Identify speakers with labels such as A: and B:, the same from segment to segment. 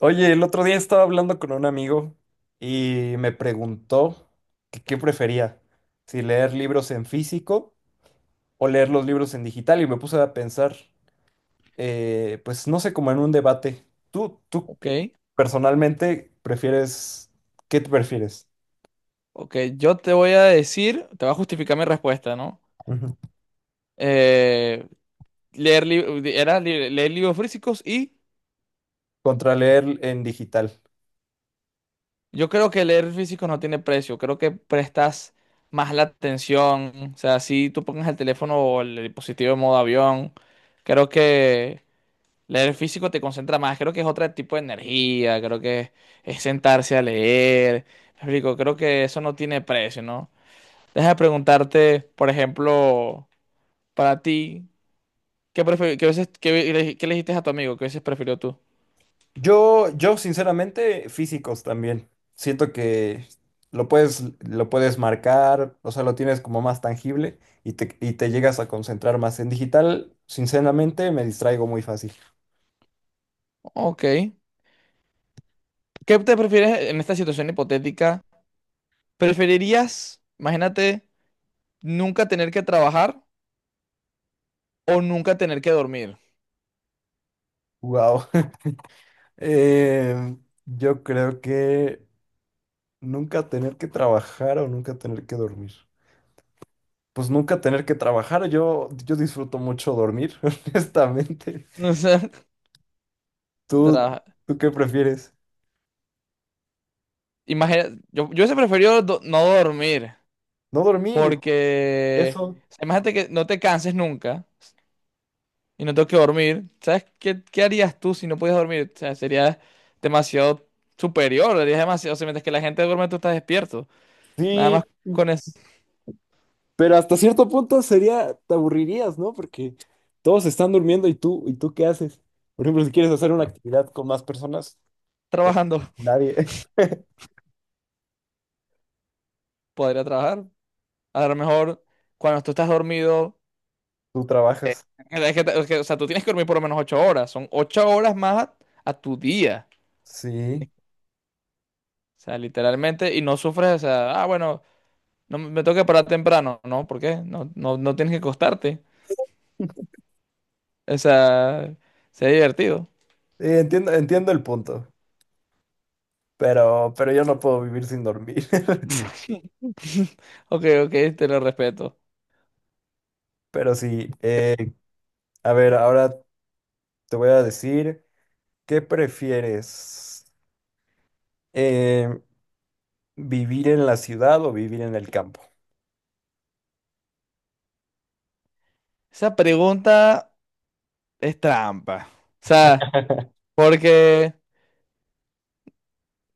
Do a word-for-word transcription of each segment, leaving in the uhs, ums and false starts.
A: Oye, el otro día estaba hablando con un amigo y me preguntó que qué prefería, si leer libros en físico o leer los libros en digital y me puse a pensar, eh, pues no sé, como en un debate. ¿Tú, tú
B: Ok,
A: personalmente prefieres, qué te prefieres?
B: ok. Yo te voy a decir, te va a justificar mi respuesta, ¿no?
A: Ujú.
B: Eh, leer li- era li- leer libros físicos y
A: Contra leer en digital.
B: yo creo que leer físicos no tiene precio. Creo que prestas más la atención. O sea, si tú pongas el teléfono o el dispositivo en modo avión, creo que leer físico te concentra más. Creo que es otro tipo de energía. Creo que es sentarse a leer. Me explico, creo que eso no tiene precio, ¿no? Deja de preguntarte, por ejemplo, para ti. ¿Qué prefi- qué veces, qué, le qué le dijiste a tu amigo? ¿Qué veces prefirió tú?
A: Yo, yo sinceramente, físicos también. Siento que lo puedes, lo puedes marcar, o sea, lo tienes como más tangible y te, y te llegas a concentrar más. En digital, sinceramente, me distraigo muy fácil.
B: Ok. ¿Qué te prefieres en esta situación hipotética? ¿Preferirías, imagínate, nunca tener que trabajar o nunca tener que dormir?
A: Wow. Yo creo que nunca tener que trabajar o nunca tener que dormir. Pues nunca tener que trabajar. Yo, yo disfruto mucho dormir, honestamente.
B: O sea,
A: ¿Tú,
B: tra-
A: tú qué prefieres?
B: imagina- yo, yo hubiese preferido do- no dormir,
A: No dormir.
B: porque
A: Eso.
B: o sea, imagínate que no te canses nunca y no tengo que dormir. ¿Sabes qué, qué harías tú si no pudieras dormir? O sea, sería demasiado superior, harías demasiado, o sea, mientras que la gente duerme, tú estás despierto. Nada más
A: Sí.
B: con eso,
A: Pero hasta cierto punto sería, te aburrirías, ¿no? Porque todos están durmiendo y tú, ¿y tú qué haces? Por ejemplo, si quieres hacer una
B: tra-
A: actividad con más personas,
B: trabajando,
A: nadie.
B: podría trabajar. A lo mejor cuando tú estás dormido,
A: Tú
B: eh,
A: trabajas.
B: es que, te- es que, o sea, tú tienes que dormir por lo menos ocho horas. Son ocho horas más a, a tu día.
A: Sí.
B: O sea, literalmente, y no sufres, o sea, ah, bueno, no me me tengo que parar temprano. No, ¿por qué? No, no, no tienes que acostarte. O sea, sería divertido.
A: Eh, entiendo, entiendo el punto, pero, pero yo no puedo vivir sin dormir.
B: Ok, ok, te lo respeto.
A: Pero sí, eh, a ver, ahora te voy a decir, ¿qué prefieres? Eh, ¿vivir en la ciudad o vivir en el campo?
B: Esa pregunta es trampa. O sea, porque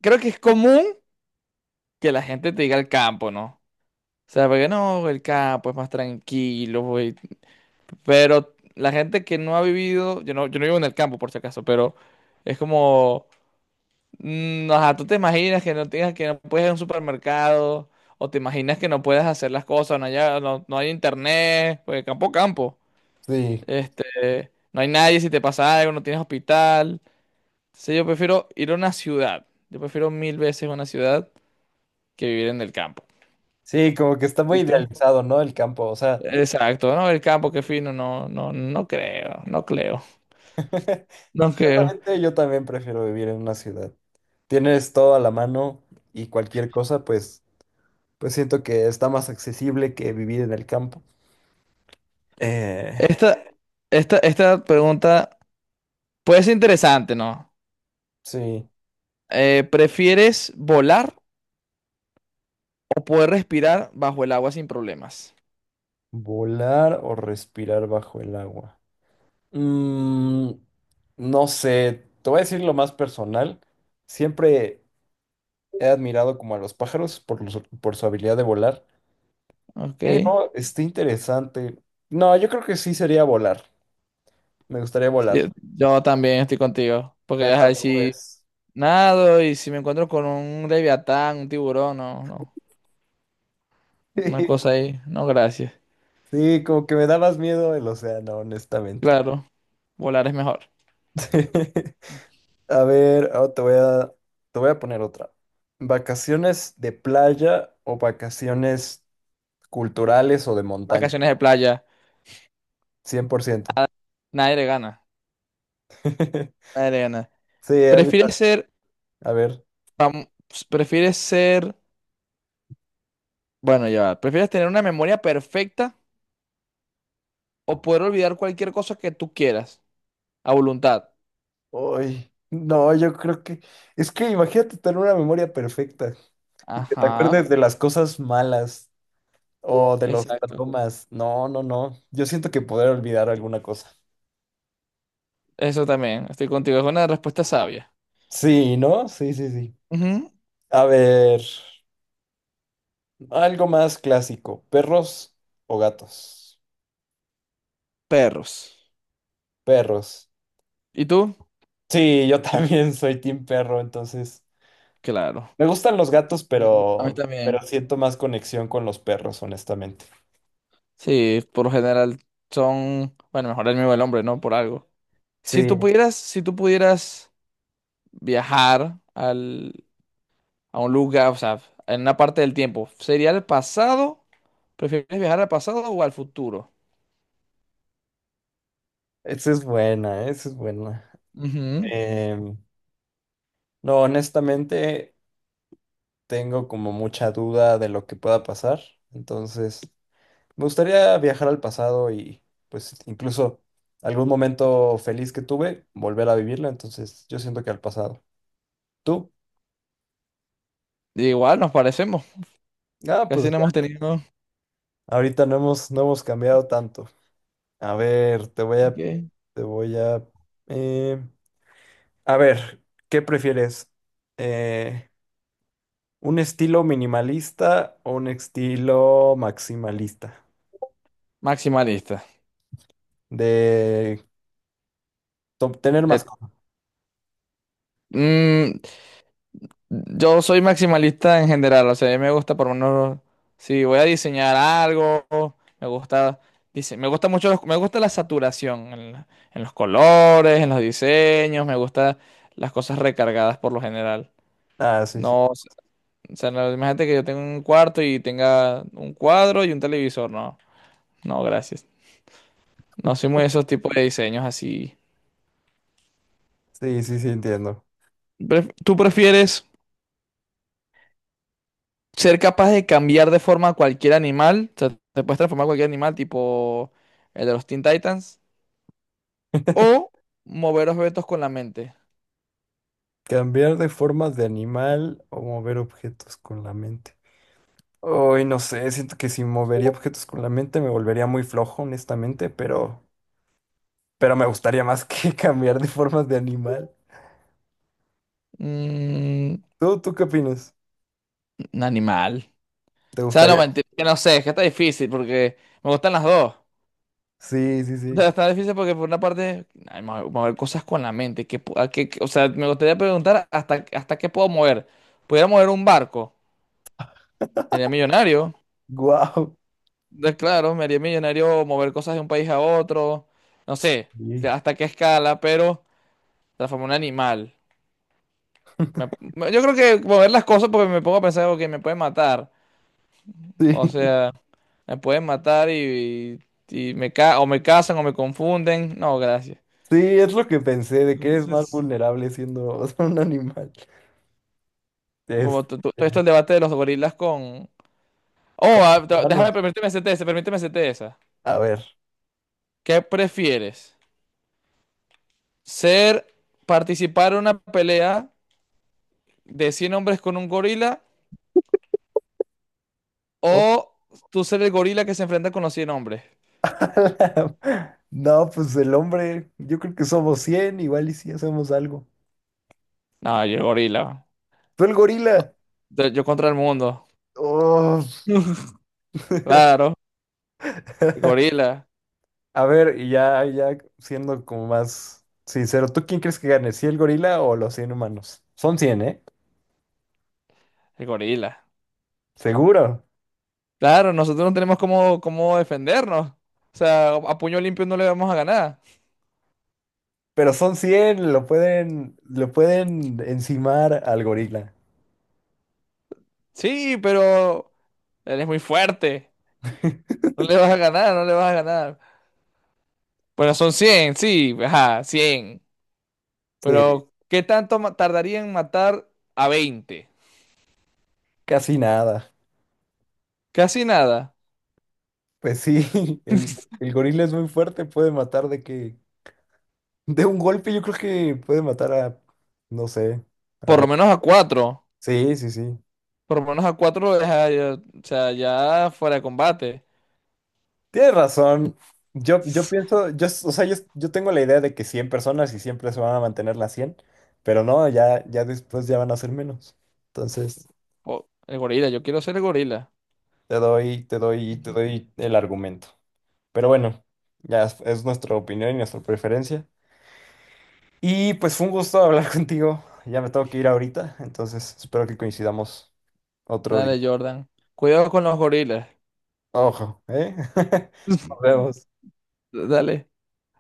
B: creo que es común que la gente te diga el campo, ¿no? O sea, porque no, el campo es más tranquilo, güey. Pero la gente que no ha vivido, yo no, yo no vivo en el campo por si acaso, pero es como, mm, ajá, tú te imaginas que no tengas, que no puedes ir a un supermercado, o te imaginas que no puedes hacer las cosas, no haya- no, no hay internet, pues campo, campo.
A: Sí.
B: Este, no hay nadie si te pasa algo, no tienes hospital. Entonces yo prefiero ir a una ciudad. Yo prefiero mil veces una ciudad que vivir en el campo.
A: Sí, como que está muy
B: ¿Y tú?
A: idealizado, ¿no? El campo, o sea.
B: Exacto, no, el campo, qué fino, no, no, no creo, no creo, no creo.
A: Ciertamente yo también prefiero vivir en una ciudad. Tienes todo a la mano y cualquier cosa, pues, pues siento que está más accesible que vivir en el campo. Eh,
B: Esta, esta, esta pregunta puede ser interesante, ¿no?
A: sí,
B: Eh, ¿prefieres volar o poder respirar bajo el agua sin problemas?
A: volar o respirar bajo el agua. Mm, no sé, te voy a decir lo más personal. Siempre he admirado como a los pájaros por, los- por su habilidad de volar.
B: Ok,
A: Pero está interesante. No, yo creo que sí sería volar. Me gustaría volar,
B: sí, yo también estoy contigo, porque
A: ver las
B: ajá, si
A: nubes.
B: nado y si me encuentro con un leviatán, un tiburón, no, no, una cosa ahí, no, gracias.
A: Sí, como que me da más miedo el océano, honestamente.
B: Claro, volar es mejor.
A: A ver, ahora te voy a, te voy a poner otra. ¿Vacaciones de playa o vacaciones culturales o de montaña?
B: Vacaciones de playa,
A: cien por ciento.
B: nadie le gana, nadie le gana.
A: Sí, a mí
B: ¿Prefieres
A: ta-
B: ser
A: A ver.
B: Vam- prefieres ser, bueno, ya, va, prefieres tener una memoria perfecta o poder olvidar cualquier cosa que tú quieras a voluntad?
A: Uy, no, yo creo que... Es que imagínate tener una memoria perfecta y que te
B: Ajá,
A: acuerdes de las cosas malas o de los
B: exacto.
A: traumas. No, no, no. Yo siento que poder olvidar alguna cosa.
B: Eso también, estoy contigo, es una respuesta sabia.
A: Sí, ¿no? Sí, sí, sí.
B: Ujú,
A: A ver, algo más clásico, ¿perros o gatos?
B: perros.
A: Perros.
B: ¿Y tú?
A: Sí, yo también soy team perro, entonces
B: Claro.
A: me gustan los gatos,
B: A mí
A: pero pero
B: también.
A: siento más conexión con los perros, honestamente.
B: Sí, por lo general son, bueno, mejor el mismo el hombre, ¿no? Por algo.
A: Sí,
B: Si tú pudieras, si tú pudieras viajar al, a un lugar, o sea, en una parte del tiempo, ¿sería el pasado? ¿Prefieres viajar al pasado o al futuro?
A: esa es buena, esa es buena.
B: Ujú,
A: Em, no, honestamente tengo como mucha duda de lo que pueda pasar, entonces me gustaría viajar al pasado y pues incluso algún momento feliz que tuve, volver a vivirlo, entonces yo siento que al pasado. ¿Tú?
B: igual nos parecemos.
A: Ah, pues
B: Casi no hemos
A: ya.
B: tenido.
A: Ahorita no hemos, no hemos cambiado tanto. A ver, te voy a,
B: Ok.
A: te voy a, eh, a ver, ¿qué prefieres? Eh, ¿un estilo minimalista o un estilo maximalista?
B: Maximalista.
A: De to- tener más
B: De-
A: cosas.
B: Mm, yo soy maximalista en general. O sea, a mí me gusta por lo menos. Si voy a diseñar algo, me gusta. Dice, me gusta mucho. Los- me gusta la saturación en, la- en los colores, en los diseños. Me gusta las cosas recargadas por lo general.
A: Ah, sí, sí,
B: No, o sea, no, imagínate que yo tengo un cuarto y tenga un cuadro y un televisor. No, no, gracias. No soy muy de esos tipos de diseños así.
A: sí, sí, sí, entiendo.
B: Pref- ¿Tú prefieres ser capaz de cambiar de forma a cualquier animal? O sea, te puedes transformar en cualquier animal, tipo el de los Teen Titans. O mover objetos con la mente.
A: Cambiar de formas de animal o mover objetos con la mente. Hoy no sé, siento que si movería objetos con la mente me volvería muy flojo, honestamente, pero, pero me gustaría más que cambiar de formas de animal.
B: Mm,
A: ¿Tú, tú qué opinas?
B: un animal.
A: ¿Te
B: O sea, no,
A: gustaría?
B: mentira, que no sé, es que está difícil porque me gustan las dos.
A: Sí, sí,
B: O
A: sí.
B: sea, está difícil porque por una parte, ay, mo- mover cosas con la mente. ¿Qué pu- a qué- qué- o sea, me gustaría preguntar hasta, hasta qué puedo mover. ¿Pudiera mover un barco? Sería millonario.
A: Guau.
B: De- claro, me haría millonario mover cosas de un país a otro, no sé
A: Sí,
B: que- hasta qué escala, pero transformar un animal. Me- me- yo creo que mover las cosas porque me pongo a pensar, ok, me pueden matar, o
A: sí,
B: sea, me pueden matar y, y, y me ca- o me casan o me confunden, no, gracias.
A: sí, es lo que pensé, de que eres más
B: Entonces,
A: vulnerable siendo un animal. Es,
B: como t- t- todo esto el debate de los gorilas con... Oh,
A: con las
B: ah, te- déjame,
A: manos.
B: permíteme hacerte esa, permíteme hacerte esa.
A: A ver.
B: ¿Qué prefieres? ¿Ser, participar en una pelea de cien hombres con un gorila o tú ser el gorila que se enfrenta con los cien hombres?
A: No, pues el hombre, yo creo que somos cien igual y si hacemos algo.
B: No, yo el gorila.
A: ¡Tú el gorila!
B: Yo yo contra el mundo.
A: Oh.
B: Claro, el gorila,
A: A ver, y ya, ya siendo como más sincero, ¿tú quién crees que gane? ¿Si el gorila o los cien humanos? Son cien, ¿eh?
B: el gorila.
A: Seguro.
B: Claro, nosotros no tenemos cómo, cómo defendernos. O sea, a puño limpio no le vamos a ganar.
A: Pero son cien, lo pueden, lo pueden encimar al gorila.
B: Sí, pero él es muy fuerte. No le vas a ganar, no le vas a ganar. Bueno, son cien, sí, ajá, cien.
A: Sí,
B: Pero, ¿qué tanto ma- tardaría en matar a veinte?
A: casi nada.
B: Casi nada.
A: Pues sí, el, el gorila es muy fuerte, puede matar de que de un golpe yo creo que puede matar a, no sé, a
B: Por lo
A: ver.
B: menos a cuatro.
A: Sí, sí, sí.
B: Por lo menos a cuatro lo deja, ya- o sea, ya fuera de combate.
A: Tienes razón. Yo, yo pienso, yo, s- o sea, yo, yo tengo la idea de que cien personas y siempre se van a mantener las cien pero no, ya, ya después ya van a ser menos. Entonces,
B: Oh, el gorila, yo quiero ser el gorila.
A: te doy, te doy, te doy el argumento. Pero bueno, ya es, es nuestra opinión y nuestra preferencia. Y pues fue un gusto hablar contigo. Ya me tengo que ir ahorita, entonces espero que coincidamos otro día.
B: Dale, Jordan. Cuidado con los gorilas.
A: Ojo, ¿eh? Nos vemos.
B: Dale.